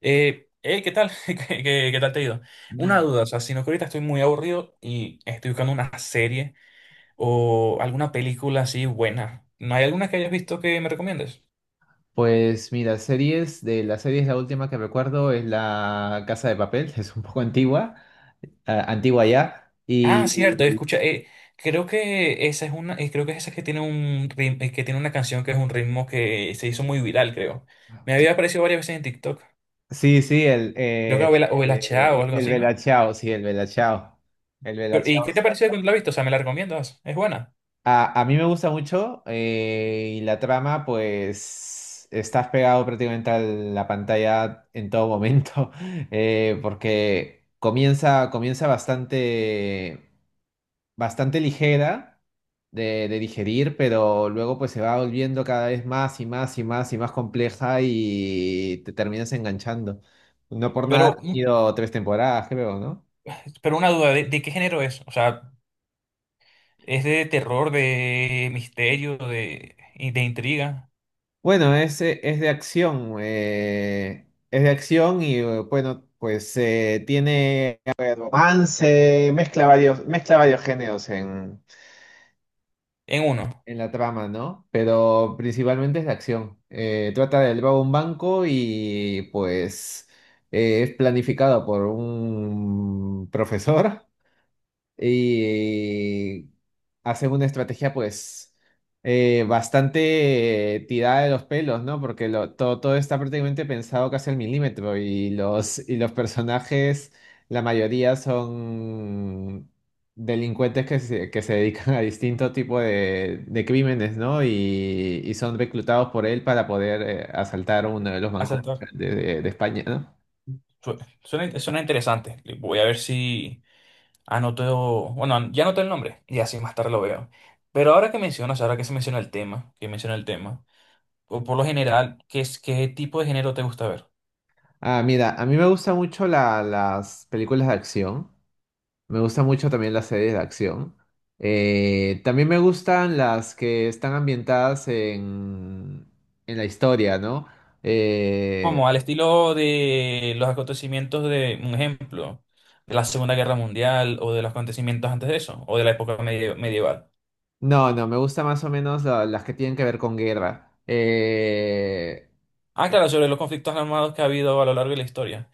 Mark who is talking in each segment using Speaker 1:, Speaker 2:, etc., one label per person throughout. Speaker 1: Hey, ¿qué tal? ¿Qué tal te ha ido? Una
Speaker 2: Mm.
Speaker 1: duda, o sea, sino que ahorita estoy muy aburrido y estoy buscando una serie o alguna película así buena. ¿No hay alguna que hayas visto que me recomiendes?
Speaker 2: Pues mira, series, de las series la última que recuerdo es La Casa de Papel, es un poco antigua, ah, antigua ya,
Speaker 1: Ah,
Speaker 2: y
Speaker 1: cierto, escucha, creo que esa es una, creo que es esa que tiene un ritmo, que tiene una canción que es un ritmo que se hizo muy viral, creo. Me había aparecido varias veces en TikTok.
Speaker 2: sí, sí,
Speaker 1: Creo que o el HA o algo
Speaker 2: el
Speaker 1: así, ¿no?
Speaker 2: Bella Ciao, sí, el Bella Ciao, el Bella
Speaker 1: Pero, ¿y
Speaker 2: Ciao.
Speaker 1: qué te pareció cuando la viste? O sea, ¿me la recomiendas? Es buena.
Speaker 2: A mí me gusta mucho y la trama, pues estás pegado prácticamente a la pantalla en todo momento, porque comienza bastante. Bastante ligera de digerir, pero luego pues se va volviendo cada vez más y más y más y más compleja y te terminas enganchando. No por nada
Speaker 1: Pero,
Speaker 2: ha
Speaker 1: mm,
Speaker 2: tenido tres temporadas, creo, ¿no?
Speaker 1: pero una duda, ¿ de qué género es? O sea, es de terror, de misterio, y de intriga.
Speaker 2: Bueno, es de acción y bueno, tiene a ver, romance, mezcla varios géneros
Speaker 1: En uno.
Speaker 2: en la trama, ¿no? Pero principalmente es la acción. Trata de robar un banco y pues es planificado por un profesor y hacen una estrategia pues bastante tirada de los pelos, ¿no? Porque todo, todo está prácticamente pensado casi al milímetro, ¿no? Y y los personajes, la mayoría son delincuentes que se dedican a distinto tipo de crímenes, ¿no? Y son reclutados por él para poder asaltar uno de los
Speaker 1: A
Speaker 2: bancos de de España, ¿no?
Speaker 1: Suena, suena interesante. Voy a ver si anoto. Bueno, ya anoté el nombre y así más tarde lo veo. Pero ahora que mencionas, ahora que se menciona el tema, Que menciona el tema, o por lo general, ¿qué tipo de género te gusta ver?
Speaker 2: Ah, mira, a mí me gustan mucho las películas de acción. Me gusta mucho también las series de acción. También me gustan las que están ambientadas en la historia, ¿no? Eh,
Speaker 1: Como al estilo de los acontecimientos de, un ejemplo, de la Segunda Guerra Mundial o de los acontecimientos antes de eso, o de la época medieval.
Speaker 2: no, no, me gusta más o menos las que tienen que ver con guerra.
Speaker 1: Ah, claro, sobre los conflictos armados que ha habido a lo largo de la historia.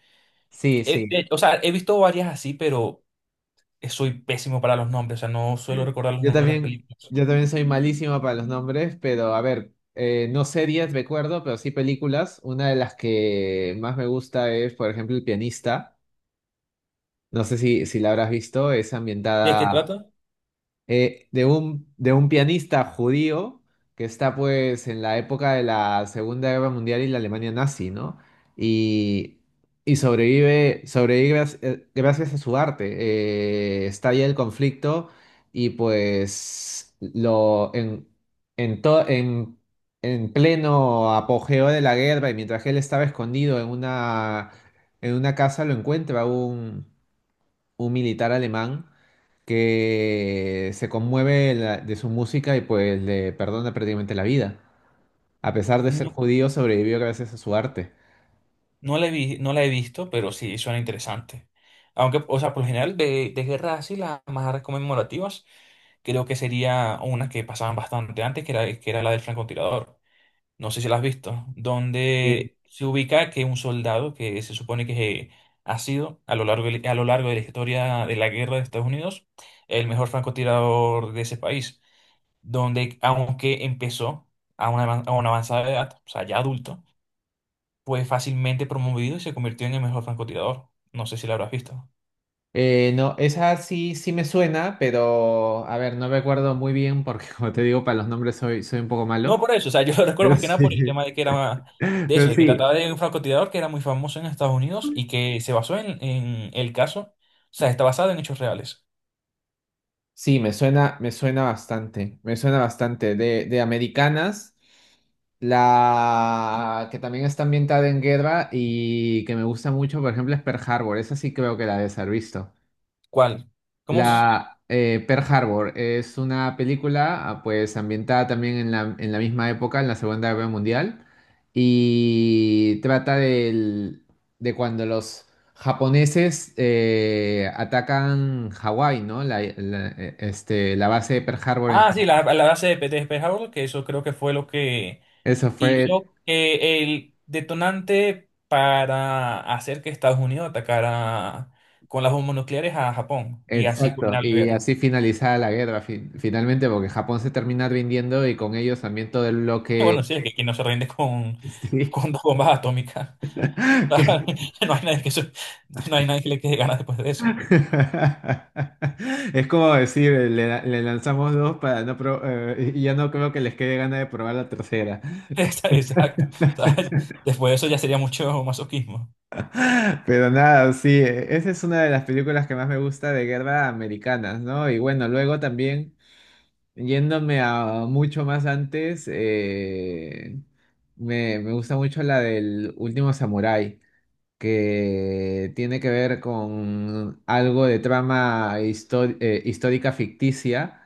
Speaker 2: Sí, sí.
Speaker 1: O sea, he visto varias así, pero soy pésimo para los nombres, o sea, no suelo recordar los
Speaker 2: Yo
Speaker 1: nombres de las
Speaker 2: también,
Speaker 1: películas.
Speaker 2: yo también soy malísimo para los nombres, pero a ver, no series, recuerdo, pero sí películas. Una de las que más me gusta es, por ejemplo, El pianista. No sé si la habrás visto, es
Speaker 1: ¿De qué
Speaker 2: ambientada
Speaker 1: trata?
Speaker 2: de un pianista judío que está pues en la época de la Segunda Guerra Mundial y la Alemania nazi, ¿no? Y, y sobrevive, sobrevive gracias a su arte. Estalla el conflicto y pues lo, en, to- en, en pleno apogeo de la guerra y mientras él estaba escondido en una casa lo encuentra un militar alemán que se conmueve de su música y pues le perdona prácticamente la vida. A pesar de ser
Speaker 1: No,
Speaker 2: judío, sobrevivió gracias a su arte.
Speaker 1: no la he visto, pero sí suena interesante. Aunque, o sea, por lo general, de guerras así, las más conmemorativas, creo que sería una que pasaban bastante antes, que era la del francotirador. No sé si la has visto, donde se ubica que un soldado que se supone que ha sido a lo largo de la historia de la guerra de Estados Unidos el mejor francotirador de ese país, donde aunque empezó a una avanzada edad, o sea, ya adulto, fue fácilmente promovido y se convirtió en el mejor francotirador. No sé si lo habrás visto.
Speaker 2: No, esa sí, sí me suena, pero a ver, no me acuerdo muy bien porque como te digo, para los nombres soy, soy un poco
Speaker 1: No
Speaker 2: malo.
Speaker 1: por eso, o sea, yo lo recuerdo
Speaker 2: Pero
Speaker 1: más que nada
Speaker 2: sí,
Speaker 1: por el tema de que era de eso,
Speaker 2: pero
Speaker 1: de que
Speaker 2: sí.
Speaker 1: trataba de un francotirador que era muy famoso en Estados Unidos y que se basó en el caso, o sea, está basado en hechos reales.
Speaker 2: Sí, me suena bastante, me suena bastante. De americanas, la que también está ambientada en guerra y que me gusta mucho, por ejemplo, es Pearl Harbor. Esa sí creo que la debes haber visto.
Speaker 1: ¿Cuál? ¿Cómo? S-
Speaker 2: La Pearl Harbor es una película, ah, pues ambientada también en la misma época, en la Segunda Guerra Mundial, y trata de cuando los japoneses atacan Hawái, ¿no? La base de Pearl Harbor en
Speaker 1: Ah, sí,
Speaker 2: Hawái.
Speaker 1: la base de Peter Pearl Harbor, que eso creo que fue lo que
Speaker 2: Eso fue
Speaker 1: hizo el detonante para hacer que Estados Unidos atacara con las bombas nucleares a Japón y así
Speaker 2: exacto,
Speaker 1: culminar la
Speaker 2: y
Speaker 1: guerra.
Speaker 2: así finalizada la guerra finalmente, porque Japón se termina rindiendo y con ellos también todo el bloque...
Speaker 1: Bueno, sí, es que aquí no se rinde
Speaker 2: Sí.
Speaker 1: con dos bombas atómicas. Claro, no hay nadie que, eso- no hay nadie que le quede ganas después de eso.
Speaker 2: Es como decir, le lanzamos dos para y ya no creo que les quede gana de probar la tercera.
Speaker 1: Esa- Exacto. ¿Sabes? Después de eso ya sería mucho masoquismo.
Speaker 2: Pero nada, sí, esa es una de las películas que más me gusta de guerra americanas, ¿no? Y bueno, luego también, yéndome a mucho más antes, me, me gusta mucho la del último samurái, que tiene que ver con algo de trama histórica ficticia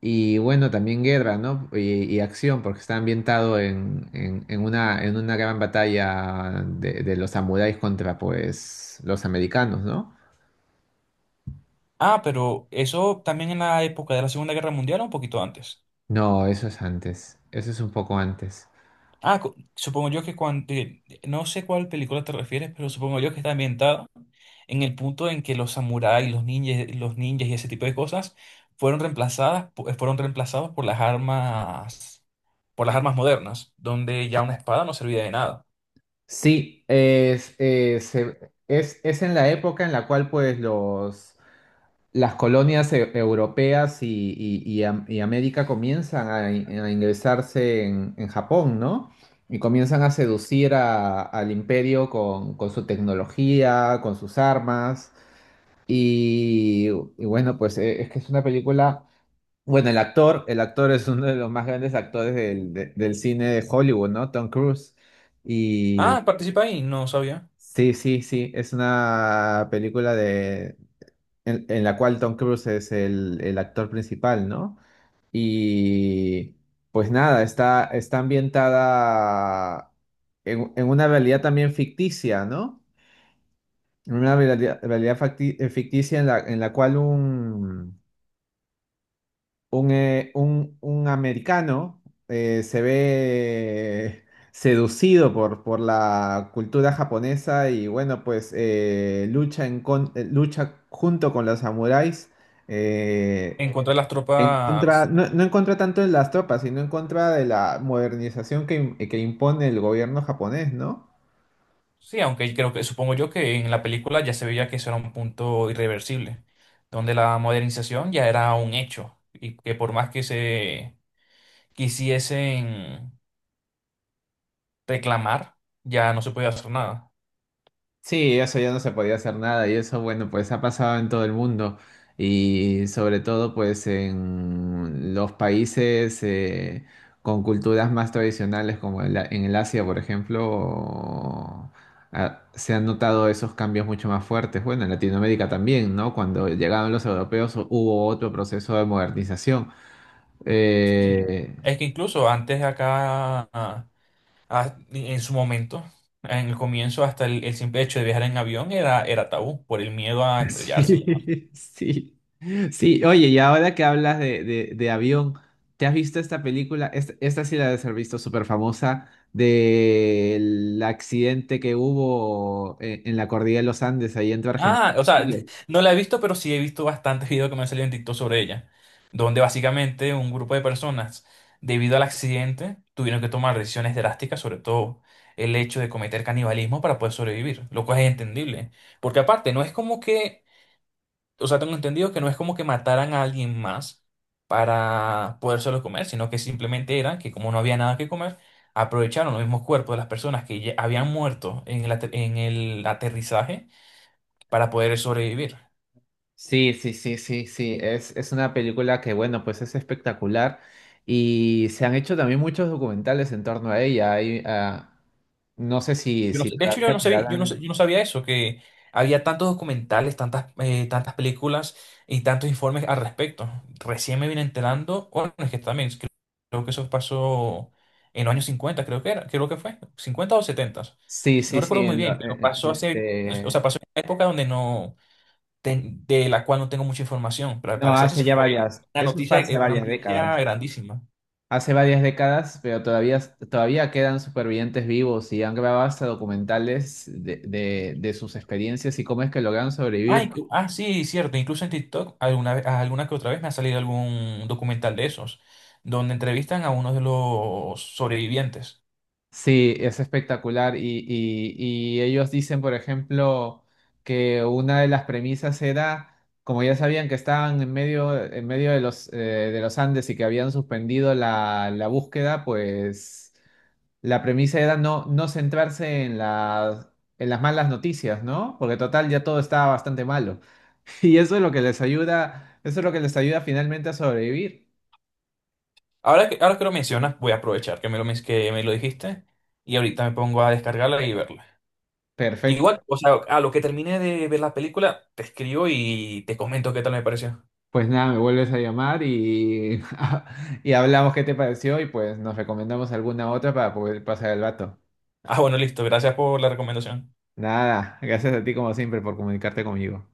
Speaker 2: y bueno, también guerra, ¿no? Y acción, porque está ambientado en, en una gran batalla de los samuráis contra pues los americanos, ¿no?
Speaker 1: Ah, pero eso también en la época de la Segunda Guerra Mundial o un poquito antes.
Speaker 2: No, eso es antes, eso es un poco antes.
Speaker 1: Ah, cu- supongo yo que cuando... No sé cuál película te refieres, pero supongo yo que está ambientada en el punto en que los samuráis, los ninjas y ese tipo de cosas fueron reemplazados por las armas modernas, donde ya una espada no servía de nada.
Speaker 2: Sí, es, es en la época en la cual pues los... las colonias europeas y, y y América comienzan a, a ingresarse en Japón, ¿no? Y comienzan a seducir al imperio con su tecnología, con sus armas. Y bueno, pues es que es una película. Bueno, el actor es uno de los más grandes actores del, del cine de Hollywood, ¿no? Tom Cruise. Y
Speaker 1: Ah, participa ahí, no sabía.
Speaker 2: sí, sí, sí, es una película en la cual Tom Cruise es el actor principal, ¿no? Y pues nada, está, está ambientada en una realidad también ficticia, ¿no? En una realidad, ficticia en la cual un americano se ve seducido por la cultura japonesa y bueno, pues lucha junto con los samuráis. eh,
Speaker 1: En contra de las
Speaker 2: En contra,
Speaker 1: tropas,
Speaker 2: no, no en contra tanto de las tropas, sino en contra de la modernización que impone el gobierno japonés, ¿no?
Speaker 1: sí, aunque creo que, supongo yo que en la película ya se veía que eso era un punto irreversible, donde la modernización ya era un hecho y que por más que se quisiesen reclamar, ya no se podía hacer nada.
Speaker 2: Sí, eso ya no se podía hacer nada y eso, bueno, pues ha pasado en todo el mundo y sobre todo pues en los países con culturas más tradicionales como en el Asia, por ejemplo, ah, se han notado esos cambios mucho más fuertes. Bueno, en Latinoamérica también, ¿no? Cuando llegaron los europeos hubo otro proceso de modernización.
Speaker 1: Sí,
Speaker 2: Eh,
Speaker 1: es que incluso antes acá, en su momento, en el comienzo, hasta el simple hecho de viajar en avión era tabú por el miedo a estrellarse.
Speaker 2: sí, sí. Sí, oye, y ahora que hablas de, de avión, ¿te has visto esta película? Esta sí la debes haber visto, súper famosa, del accidente que hubo en la cordillera de los Andes, ahí entre Argentina
Speaker 1: Ah, o
Speaker 2: y
Speaker 1: sea,
Speaker 2: Chile.
Speaker 1: no la he visto, pero sí he visto bastantes videos que me han salido en TikTok sobre ella, donde básicamente un grupo de personas, debido al accidente, tuvieron que tomar decisiones drásticas, sobre todo el hecho de cometer canibalismo para poder sobrevivir, lo cual es entendible, porque aparte no es como que, o sea, tengo entendido que no es como que mataran a alguien más para podérselo comer, sino que simplemente era que como no había nada que comer, aprovecharon los mismos cuerpos de las personas que ya habían muerto en el en el aterrizaje para poder sobrevivir.
Speaker 2: Sí, sí, sí, sí, sí. Es una película que, bueno, pues es espectacular. Y se han hecho también muchos documentales en torno a ella. Hay, ah, no sé si,
Speaker 1: Yo no
Speaker 2: si
Speaker 1: sé- De hecho, yo
Speaker 2: todavía
Speaker 1: no sabía,
Speaker 2: quedarán.
Speaker 1: yo no sabía eso, que había tantos documentales, tantas películas y tantos informes al respecto. Recién me vine enterando, bueno, es que también creo, creo que eso pasó en los años 50, creo que era, creo que fue, 50 o 70.
Speaker 2: Sí,
Speaker 1: No
Speaker 2: sí, sí.
Speaker 1: recuerdo muy
Speaker 2: en
Speaker 1: bien,
Speaker 2: lo-
Speaker 1: pero
Speaker 2: en-
Speaker 1: pasó hace, o sea,
Speaker 2: este,
Speaker 1: pasó en una época donde no, ten- de la cual no tengo mucha información, pero al
Speaker 2: No,
Speaker 1: parecer sí
Speaker 2: hace ya
Speaker 1: fue
Speaker 2: varias. Eso fue hace
Speaker 1: una
Speaker 2: varias
Speaker 1: noticia
Speaker 2: décadas.
Speaker 1: grandísima.
Speaker 2: Hace varias décadas, pero todavía, todavía quedan supervivientes vivos y han grabado hasta documentales de, de sus experiencias y cómo es que lograron
Speaker 1: Ah,
Speaker 2: sobrevivir.
Speaker 1: inclu- ah, sí, cierto. Incluso en TikTok alguna vez, alguna que otra vez me ha salido algún documental de esos, donde entrevistan a uno de los sobrevivientes.
Speaker 2: Sí, es espectacular. Y, y ellos dicen, por ejemplo, que una de las premisas era, como ya sabían que estaban en medio de los Andes y que habían suspendido la, la búsqueda, pues. La premisa era no, no centrarse en las malas noticias, ¿no? Porque total ya todo estaba bastante malo. Y eso es lo que les ayuda, eso es lo que les ayuda finalmente a sobrevivir.
Speaker 1: Ahora que lo mencionas, voy a aprovechar que me lo, que me lo dijiste y ahorita me pongo a descargarla y verla. Igual,
Speaker 2: Perfecto.
Speaker 1: o sea, a lo que termine de ver la película, te escribo y te comento qué tal me pareció.
Speaker 2: Pues nada, me vuelves a llamar y, y hablamos qué te pareció y pues nos recomendamos alguna otra para poder pasar el vato.
Speaker 1: Ah, bueno, listo. Gracias por la recomendación.
Speaker 2: Nada, gracias a ti como siempre por comunicarte conmigo.